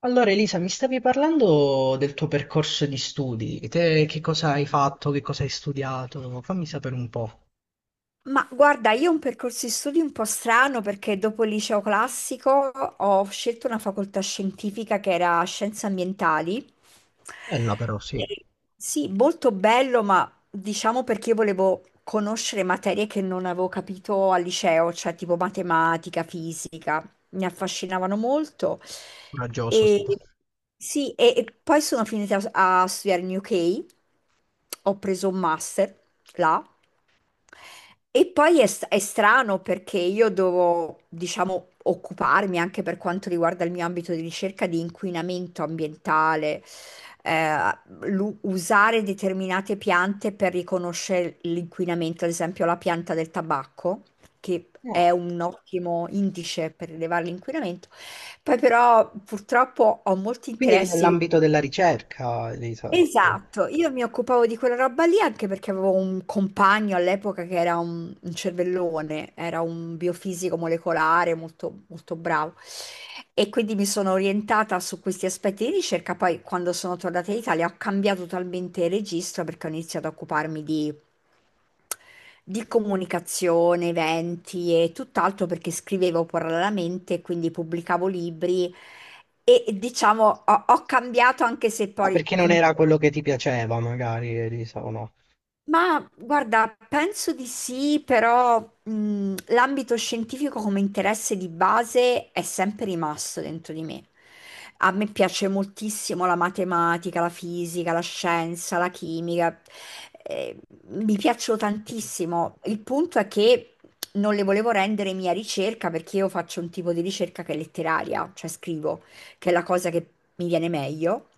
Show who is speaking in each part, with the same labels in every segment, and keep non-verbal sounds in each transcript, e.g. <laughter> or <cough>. Speaker 1: Allora Elisa, mi stavi parlando del tuo percorso di studi, te che cosa hai fatto, che cosa hai studiato, fammi sapere un po'.
Speaker 2: Ma guarda, io ho un percorso di studi un po' strano perché dopo il liceo classico ho scelto una facoltà scientifica che era scienze ambientali.
Speaker 1: Bella però, sì,
Speaker 2: E sì, molto bello, ma diciamo perché io volevo conoscere materie che non avevo capito al liceo, cioè tipo matematica, fisica, mi affascinavano molto.
Speaker 1: coraggioso stato.
Speaker 2: E sì, e poi sono finita a studiare in UK, ho preso un master là. E poi è strano perché io devo, diciamo, occuparmi anche per quanto riguarda il mio ambito di ricerca di inquinamento ambientale, eh, usare determinate piante per riconoscere l'inquinamento, ad esempio la pianta del tabacco, che è
Speaker 1: No.
Speaker 2: un ottimo indice per rilevare l'inquinamento. Poi però purtroppo ho molti
Speaker 1: Quindi eri
Speaker 2: interessi.
Speaker 1: nell'ambito della ricerca, Elisa, tipo.
Speaker 2: Esatto, io mi occupavo di quella roba lì anche perché avevo un compagno all'epoca che era un cervellone, era un biofisico molecolare molto, molto bravo e quindi mi sono orientata su questi aspetti di ricerca. Poi quando sono tornata in Italia ho cambiato totalmente registro perché ho iniziato a occuparmi di comunicazione, eventi e tutt'altro perché scrivevo parallelamente, quindi pubblicavo libri e diciamo ho cambiato anche se
Speaker 1: Ah,
Speaker 2: poi
Speaker 1: perché non era
Speaker 2: comunque.
Speaker 1: quello che ti piaceva, magari, Elisa, o no?
Speaker 2: Ma guarda, penso di sì, però l'ambito scientifico come interesse di base è sempre rimasto dentro di me. A me piace moltissimo la matematica, la fisica, la scienza, la chimica. eh, mi piacciono tantissimo. Il punto è che non le volevo rendere mia ricerca perché io faccio un tipo di ricerca che è letteraria, cioè scrivo, che è la cosa che mi viene meglio.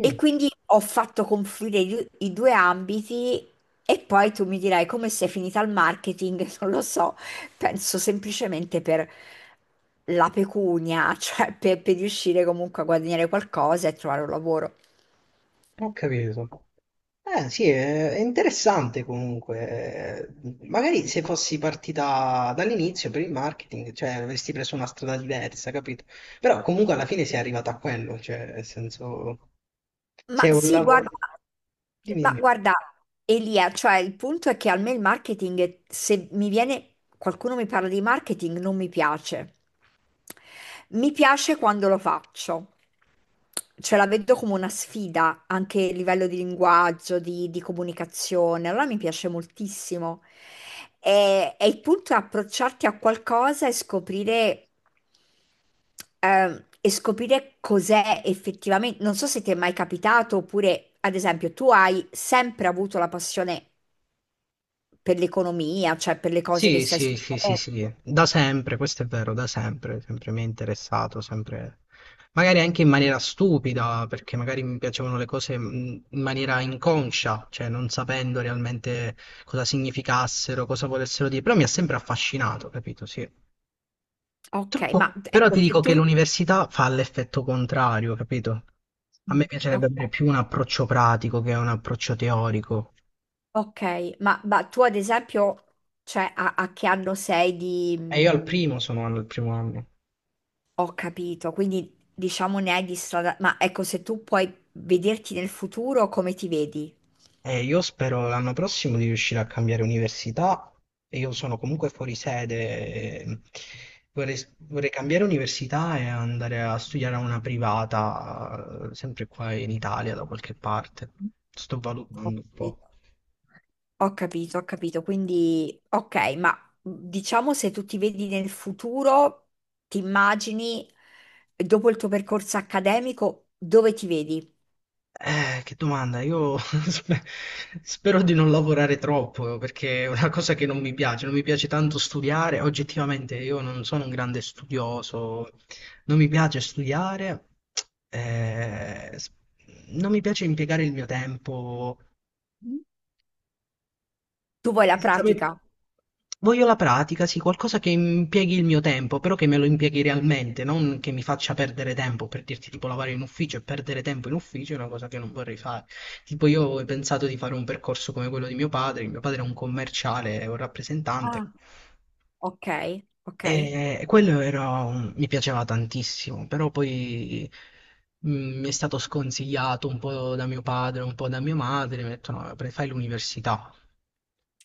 Speaker 2: E quindi ho fatto confluire i due ambiti e poi tu mi dirai come sei finita al marketing, <laughs> non lo so, penso semplicemente per la pecunia, <laughs> cioè per riuscire comunque a guadagnare qualcosa e trovare un lavoro.
Speaker 1: ho capito. Eh sì, è interessante comunque. Magari se fossi partita dall'inizio per il marketing, cioè avresti preso una strada diversa, capito? Però comunque alla fine sei arrivata a quello, cioè nel senso, se
Speaker 2: Ma
Speaker 1: è un
Speaker 2: sì,
Speaker 1: lavoro...
Speaker 2: guarda,
Speaker 1: Dimmi,
Speaker 2: ma
Speaker 1: dimmi.
Speaker 2: guarda, Elia, cioè il punto è che a me il marketing, se mi viene qualcuno mi parla di marketing, non mi piace. Mi piace quando lo faccio, cioè la vedo come una sfida anche a livello di linguaggio, di comunicazione, allora mi piace moltissimo. E il punto è approcciarti a qualcosa e scoprire cos'è effettivamente. Non so se ti è mai capitato, oppure, ad esempio, tu hai sempre avuto la passione per l'economia, cioè per le cose che
Speaker 1: Sì,
Speaker 2: stai
Speaker 1: sì, sì, sì,
Speaker 2: studiando.
Speaker 1: sì, da sempre, questo è vero, da sempre, sempre mi è interessato, sempre, magari anche in maniera stupida, perché magari mi piacevano le cose in maniera inconscia, cioè non sapendo realmente cosa significassero, cosa volessero dire, però mi ha sempre affascinato, capito? Sì.
Speaker 2: Ok, ma
Speaker 1: Troppo. Però
Speaker 2: ecco,
Speaker 1: ti
Speaker 2: se
Speaker 1: dico che
Speaker 2: tu.
Speaker 1: l'università fa l'effetto contrario, capito? A me
Speaker 2: Mm.
Speaker 1: piacerebbe
Speaker 2: Ok,
Speaker 1: avere più un approccio pratico che un approccio teorico.
Speaker 2: ok, ma tu ad esempio, cioè, a che anno sei di.
Speaker 1: E io al
Speaker 2: mm,
Speaker 1: primo sono al primo anno.
Speaker 2: ho capito, quindi diciamo ne hai di strada. Ma ecco, se tu puoi vederti nel futuro, come ti vedi?
Speaker 1: Io spero l'anno prossimo di riuscire a cambiare università. E io sono comunque fuori sede. E Vorrei, vorrei cambiare università e andare a studiare a una privata, sempre qua in Italia, da qualche parte. Sto
Speaker 2: Ho
Speaker 1: valutando un po'.
Speaker 2: capito. Ho capito, ho capito. Quindi, ok, ma diciamo se tu ti vedi nel futuro, ti immagini dopo il tuo percorso accademico, dove ti vedi?
Speaker 1: Che domanda, io <laughs> spero di non lavorare troppo perché è una cosa che non mi piace, non mi piace tanto studiare, oggettivamente io non sono un grande studioso, non mi piace studiare, eh, s- non mi piace impiegare il mio tempo.
Speaker 2: Mm. Tu vuoi la pratica?
Speaker 1: Essenzialmente voglio la pratica, sì, qualcosa che impieghi il mio tempo, però che me lo impieghi realmente, non che mi faccia perdere tempo, per dirti tipo lavorare in ufficio e perdere tempo in ufficio è una cosa che non vorrei fare. Tipo io ho pensato di fare un percorso come quello di mio padre è un commerciale, è un rappresentante.
Speaker 2: Ah, ok, ok,
Speaker 1: E quello era mi piaceva tantissimo, però poi mi è stato sconsigliato un po' da mio padre, un po' da mia madre, mi ha detto no, fai l'università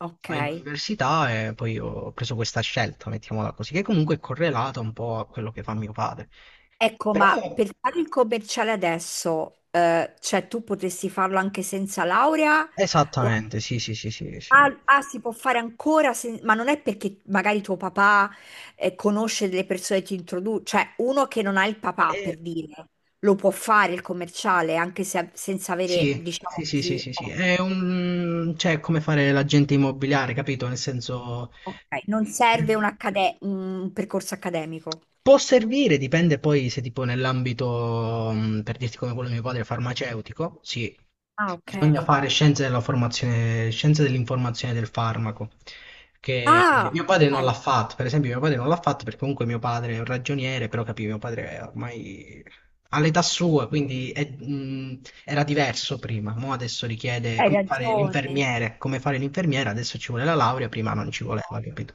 Speaker 2: ok.
Speaker 1: all'università e poi ho preso questa scelta, mettiamola così, che comunque è correlata un po' a quello che fa mio padre.
Speaker 2: Ecco, ma
Speaker 1: Però
Speaker 2: per fare il commerciale adesso, cioè tu potresti farlo anche senza laurea? O-
Speaker 1: esattamente, sì, sì, sì, sì, sì.
Speaker 2: ah, ah, si può fare ancora, ma non è perché magari tuo papà, conosce delle persone e ti introduce, cioè uno che non ha il papà,
Speaker 1: E-
Speaker 2: per dire, lo può fare il commerciale anche senza avere,
Speaker 1: sì, sì,
Speaker 2: diciamo
Speaker 1: sì, sì,
Speaker 2: così,
Speaker 1: sì, sì. È un... cioè, è come fare l'agente immobiliare, capito? Nel senso...
Speaker 2: ok, non serve un percorso accademico.
Speaker 1: Può servire, dipende poi se tipo nell'ambito, per dirti come quello di mio padre, farmaceutico, sì.
Speaker 2: Ah, ok.
Speaker 1: Bisogna fare scienze della formazione, scienze dell'informazione del farmaco, che
Speaker 2: Ah,
Speaker 1: mio padre non
Speaker 2: ok,
Speaker 1: l'ha fatto, per esempio mio padre non l'ha fatto perché comunque mio padre è un ragioniere, però capì, mio padre è ormai all'età sua, era diverso prima, mo adesso richiede
Speaker 2: hai
Speaker 1: come fare
Speaker 2: ragione.
Speaker 1: l'infermiere, come fare l'infermiera, adesso ci vuole la laurea, prima non ci voleva, capito?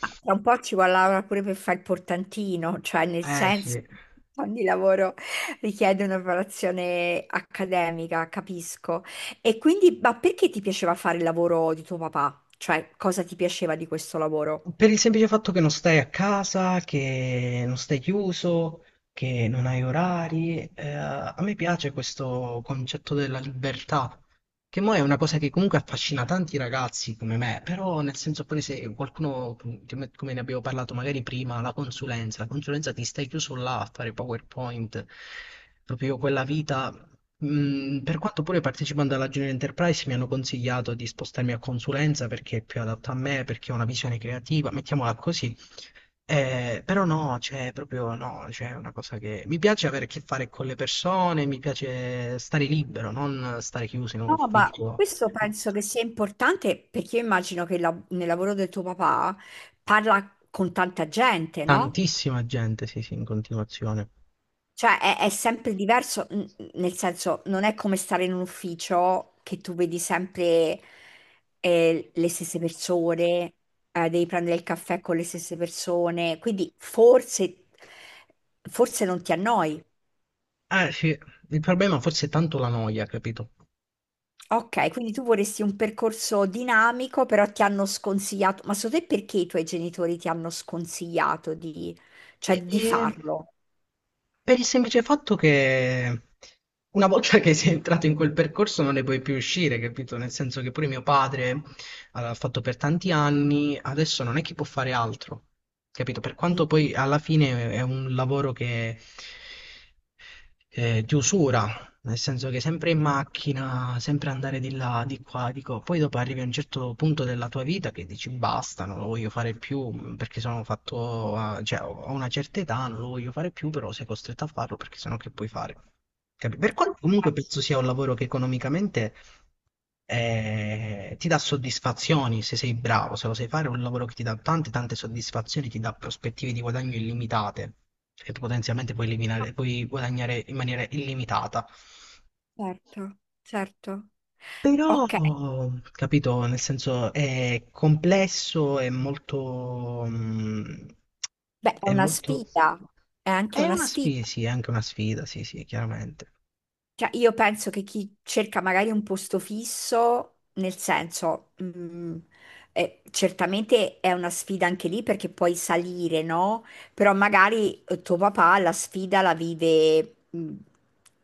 Speaker 2: Ma tra un po' ci vuole Laura pure per fare il portantino, cioè nel
Speaker 1: Eh
Speaker 2: senso
Speaker 1: sì.
Speaker 2: che ogni lavoro richiede una preparazione accademica, capisco. E quindi, ma perché ti piaceva fare il lavoro di tuo papà? Cioè, cosa ti piaceva di questo lavoro?
Speaker 1: Per il semplice fatto che non stai a casa, che non stai chiuso, che non hai orari, a me piace questo concetto della libertà, che mo è una cosa che comunque affascina tanti ragazzi come me, però nel senso poi se qualcuno, come ne abbiamo parlato magari prima, la consulenza ti stai chiuso là a fare PowerPoint, proprio quella vita. Mm, per quanto pure partecipando alla Junior Enterprise mi hanno consigliato di spostarmi a consulenza perché è più adatto a me, perché ho una visione creativa, mettiamola così. Però no, cioè, proprio no, cioè, è una cosa che mi piace avere a che fare con le persone, mi piace stare libero, non stare chiuso in un
Speaker 2: No, ma
Speaker 1: ufficio.
Speaker 2: questo
Speaker 1: Ho
Speaker 2: penso che sia importante perché io immagino che nel lavoro del tuo papà parla con tanta gente, no?
Speaker 1: tantissima gente, sì, sì, in continuazione.
Speaker 2: Cioè, è sempre diverso, nel senso, non è come stare in un ufficio che tu vedi sempre le stesse persone, devi prendere il caffè con le stesse persone, quindi forse non ti annoi.
Speaker 1: Eh sì, il problema forse è tanto la noia, capito?
Speaker 2: Ok, quindi tu vorresti un percorso dinamico, però ti hanno sconsigliato. Ma secondo te perché i tuoi genitori ti hanno sconsigliato di, cioè,
Speaker 1: E-
Speaker 2: di
Speaker 1: e
Speaker 2: farlo?
Speaker 1: per il semplice fatto che una volta che sei entrato in quel percorso non ne puoi più uscire, capito? Nel senso che pure mio padre ah, l'ha fatto per tanti anni, adesso non è che può fare altro, capito? Per
Speaker 2: Mm,
Speaker 1: quanto poi alla fine è un lavoro che di usura, nel senso che sempre in macchina, sempre andare di là, di qua, di qua. Poi dopo arrivi a un certo punto della tua vita che dici basta, non lo voglio fare più perché sono fatto, cioè ho una certa età, non lo voglio fare più, però sei costretto a farlo perché sennò che puoi fare? Per quanto comunque penso sia un lavoro che economicamente ti dà soddisfazioni se sei bravo, se lo sai fare, è un lavoro che ti dà tante tante soddisfazioni, ti dà prospettive di guadagno illimitate e potenzialmente puoi puoi guadagnare in maniera illimitata.
Speaker 2: certo, certo.
Speaker 1: Però,
Speaker 2: Ok.
Speaker 1: capito, nel senso è complesso, è molto,
Speaker 2: Beh, è
Speaker 1: è
Speaker 2: una
Speaker 1: molto,
Speaker 2: sfida, è anche
Speaker 1: è
Speaker 2: una
Speaker 1: una
Speaker 2: sfida.
Speaker 1: sfida, sì, è anche una sfida, sì, sì, chiaramente.
Speaker 2: Cioè, io penso che chi cerca magari un posto fisso, nel senso, certamente è una sfida anche lì perché puoi salire, no? Però magari tuo papà la sfida la vive,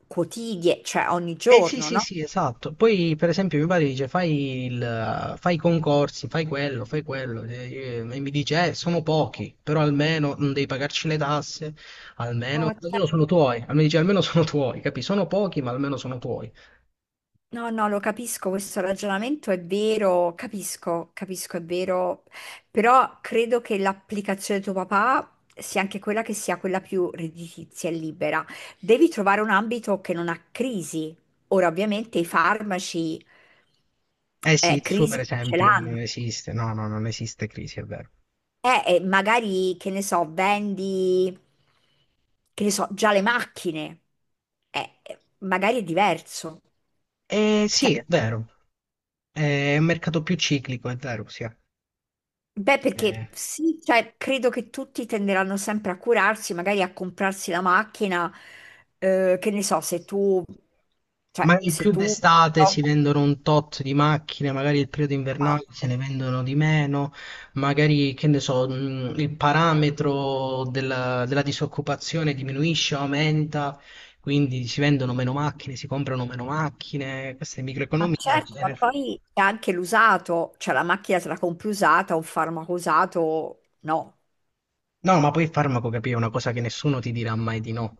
Speaker 2: cioè ogni
Speaker 1: Eh sì,
Speaker 2: giorno,
Speaker 1: sì,
Speaker 2: no?
Speaker 1: sì, esatto. Poi, per esempio, mio padre dice: fai, fai i concorsi, fai quello, fai quello. E mi dice: sono pochi, però almeno non devi pagarci le tasse, almeno,
Speaker 2: Oh,
Speaker 1: almeno sono
Speaker 2: certo.
Speaker 1: tuoi. Almeno, dice, almeno sono tuoi, capi? Sono pochi, ma almeno sono tuoi.
Speaker 2: No, no, lo capisco, questo ragionamento è vero, capisco, capisco, è vero, però credo che l'applicazione di tuo papà sia anche quella che sia quella più redditizia e libera. Devi trovare un ambito che non ha crisi. Ora, ovviamente, i farmaci
Speaker 1: Eh sì, il suo,
Speaker 2: crisi
Speaker 1: per
Speaker 2: ce
Speaker 1: esempio,
Speaker 2: l'hanno.
Speaker 1: non esiste. No, no, non esiste crisi, è vero.
Speaker 2: Magari, che ne so, vendi, che ne so, già le macchine. Magari è diverso.
Speaker 1: Eh
Speaker 2: Cioè,
Speaker 1: sì, è vero. È un mercato più ciclico, è vero, sì.
Speaker 2: beh, perché
Speaker 1: Eh,
Speaker 2: sì, cioè, credo che tutti tenderanno sempre a curarsi, magari a comprarsi la macchina, che ne so, se tu, cioè,
Speaker 1: magari
Speaker 2: se
Speaker 1: più
Speaker 2: tu.
Speaker 1: d'estate si vendono un tot di macchine, magari il periodo
Speaker 2: Ma
Speaker 1: invernale se ne vendono di meno, magari che ne so, il parametro della disoccupazione diminuisce o aumenta, quindi si vendono meno macchine, si comprano meno macchine, questa è microeconomia.
Speaker 2: certo, ma
Speaker 1: Viene-
Speaker 2: poi c'è anche l'usato, cioè la macchina te la compri usata, un farmaco usato, no.
Speaker 1: No, ma poi il farmaco, capì, è una cosa che nessuno ti dirà mai di no.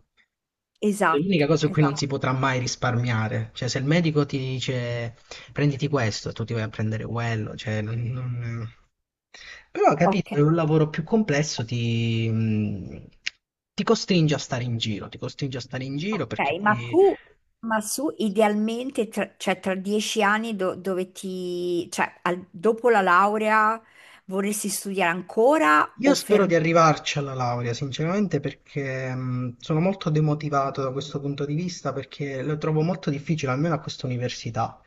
Speaker 1: È l'unica
Speaker 2: Esatto,
Speaker 1: cosa su cui non si
Speaker 2: esatto.
Speaker 1: potrà mai risparmiare. Cioè, se il medico ti dice prenditi questo, tu ti vai a prendere quello. Cioè, non- non- Però,
Speaker 2: Ok.
Speaker 1: capito, è un lavoro più complesso, ti costringe a stare in giro, ti costringe a stare in giro
Speaker 2: Ok,
Speaker 1: perché poi
Speaker 2: ma su idealmente, tra, cioè tra 10 anni dove ti, cioè dopo la laurea vorresti studiare ancora
Speaker 1: Io
Speaker 2: o
Speaker 1: spero
Speaker 2: fermare?
Speaker 1: di arrivarci alla laurea, sinceramente, perché sono molto demotivato da questo punto di vista, perché lo trovo molto difficile, almeno a questa università,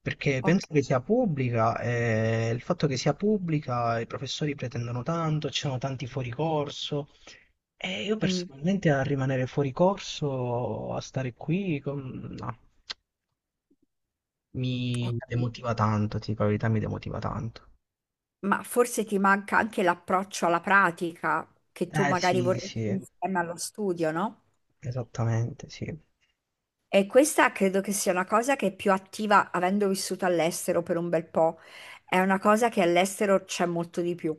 Speaker 1: perché
Speaker 2: Ok,
Speaker 1: penso che sia pubblica e il fatto che sia pubblica, i professori pretendono tanto, ci sono tanti fuori corso e io
Speaker 2: mm,
Speaker 1: personalmente a rimanere fuori corso, a stare qui, no,
Speaker 2: ho
Speaker 1: mi
Speaker 2: capito.
Speaker 1: demotiva tanto, ti dico la verità, mi demotiva tanto.
Speaker 2: Ma forse ti manca anche l'approccio alla pratica che tu
Speaker 1: Eh
Speaker 2: magari
Speaker 1: sì,
Speaker 2: vorresti
Speaker 1: sì,
Speaker 2: insieme allo studio, no?
Speaker 1: esattamente, sì.
Speaker 2: E questa credo che sia una cosa che è più attiva, avendo vissuto all'estero per un bel po', è una cosa che all'estero c'è molto di più.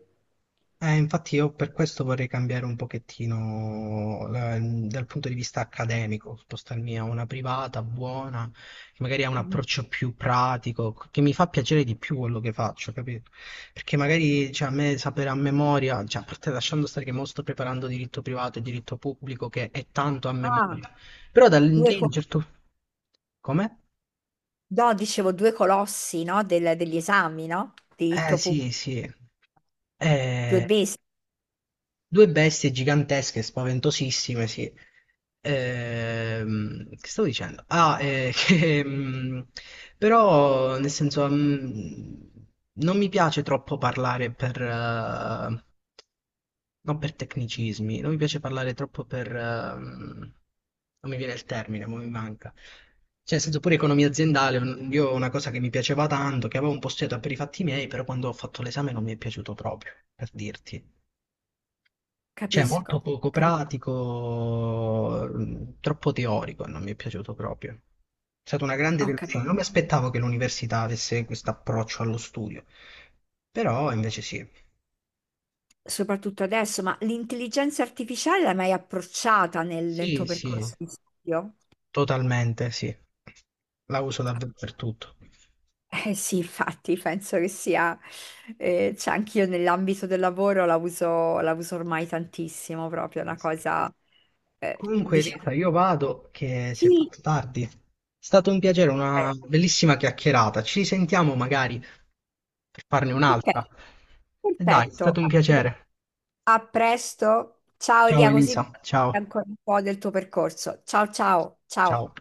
Speaker 1: Infatti io per questo vorrei cambiare un pochettino dal punto di vista accademico, spostarmi a una privata buona, che magari ha un
Speaker 2: Mhm.
Speaker 1: approccio più pratico, che mi fa piacere di più quello che faccio, capito? Perché magari cioè, a me sapere a memoria, cioè, a parte lasciando stare che mo sto preparando diritto privato e diritto pubblico, che è tanto a
Speaker 2: Ah,
Speaker 1: memoria, però da
Speaker 2: due
Speaker 1: lì,
Speaker 2: cose.
Speaker 1: certo... Come?
Speaker 2: No, dicevo due colossi, no? Degli esami, no?
Speaker 1: Eh
Speaker 2: Diritto
Speaker 1: sì,
Speaker 2: pubblico,
Speaker 1: sì.
Speaker 2: due
Speaker 1: Eh,
Speaker 2: basi.
Speaker 1: due bestie gigantesche, spaventosissime, sì. Che stavo dicendo? Ah, <laughs> che, però nel senso non mi piace troppo parlare per, non per tecnicismi, non mi piace parlare troppo per... non mi viene il termine, ma mi manca. Cioè, nel senso pure economia aziendale, io una cosa che mi piaceva tanto, che avevo un po' studiato per i fatti miei, però quando ho fatto l'esame non mi è piaciuto proprio, per dirti. Cioè, molto
Speaker 2: Capisco,
Speaker 1: poco
Speaker 2: capi-
Speaker 1: pratico, troppo teorico, non mi è piaciuto proprio. È stata una grande
Speaker 2: ho
Speaker 1: delusione.
Speaker 2: capito,
Speaker 1: Non mi aspettavo che l'università avesse questo approccio allo studio, però invece sì.
Speaker 2: soprattutto adesso, ma l'intelligenza artificiale l'hai mai approcciata nel tuo
Speaker 1: Sì, sì,
Speaker 2: percorso di studio?
Speaker 1: totalmente sì. La uso davvero per tutto.
Speaker 2: Eh sì, infatti, penso che sia, cioè anch'io nell'ambito del lavoro la uso ormai tantissimo, proprio è una
Speaker 1: Sì.
Speaker 2: cosa,
Speaker 1: Comunque, Rita,
Speaker 2: diciamo,
Speaker 1: io vado che si è
Speaker 2: sì,
Speaker 1: fatto tardi. È stato un piacere,
Speaker 2: eh,
Speaker 1: una bellissima chiacchierata. Ci risentiamo magari per farne
Speaker 2: ok,
Speaker 1: un'altra. E dai, è
Speaker 2: perfetto.
Speaker 1: stato un piacere.
Speaker 2: A presto. Ciao
Speaker 1: Ciao
Speaker 2: Elia, così mi
Speaker 1: Elisa,
Speaker 2: racconti
Speaker 1: ciao.
Speaker 2: ancora un po' del tuo percorso. Ciao, ciao, ciao.
Speaker 1: Ciao.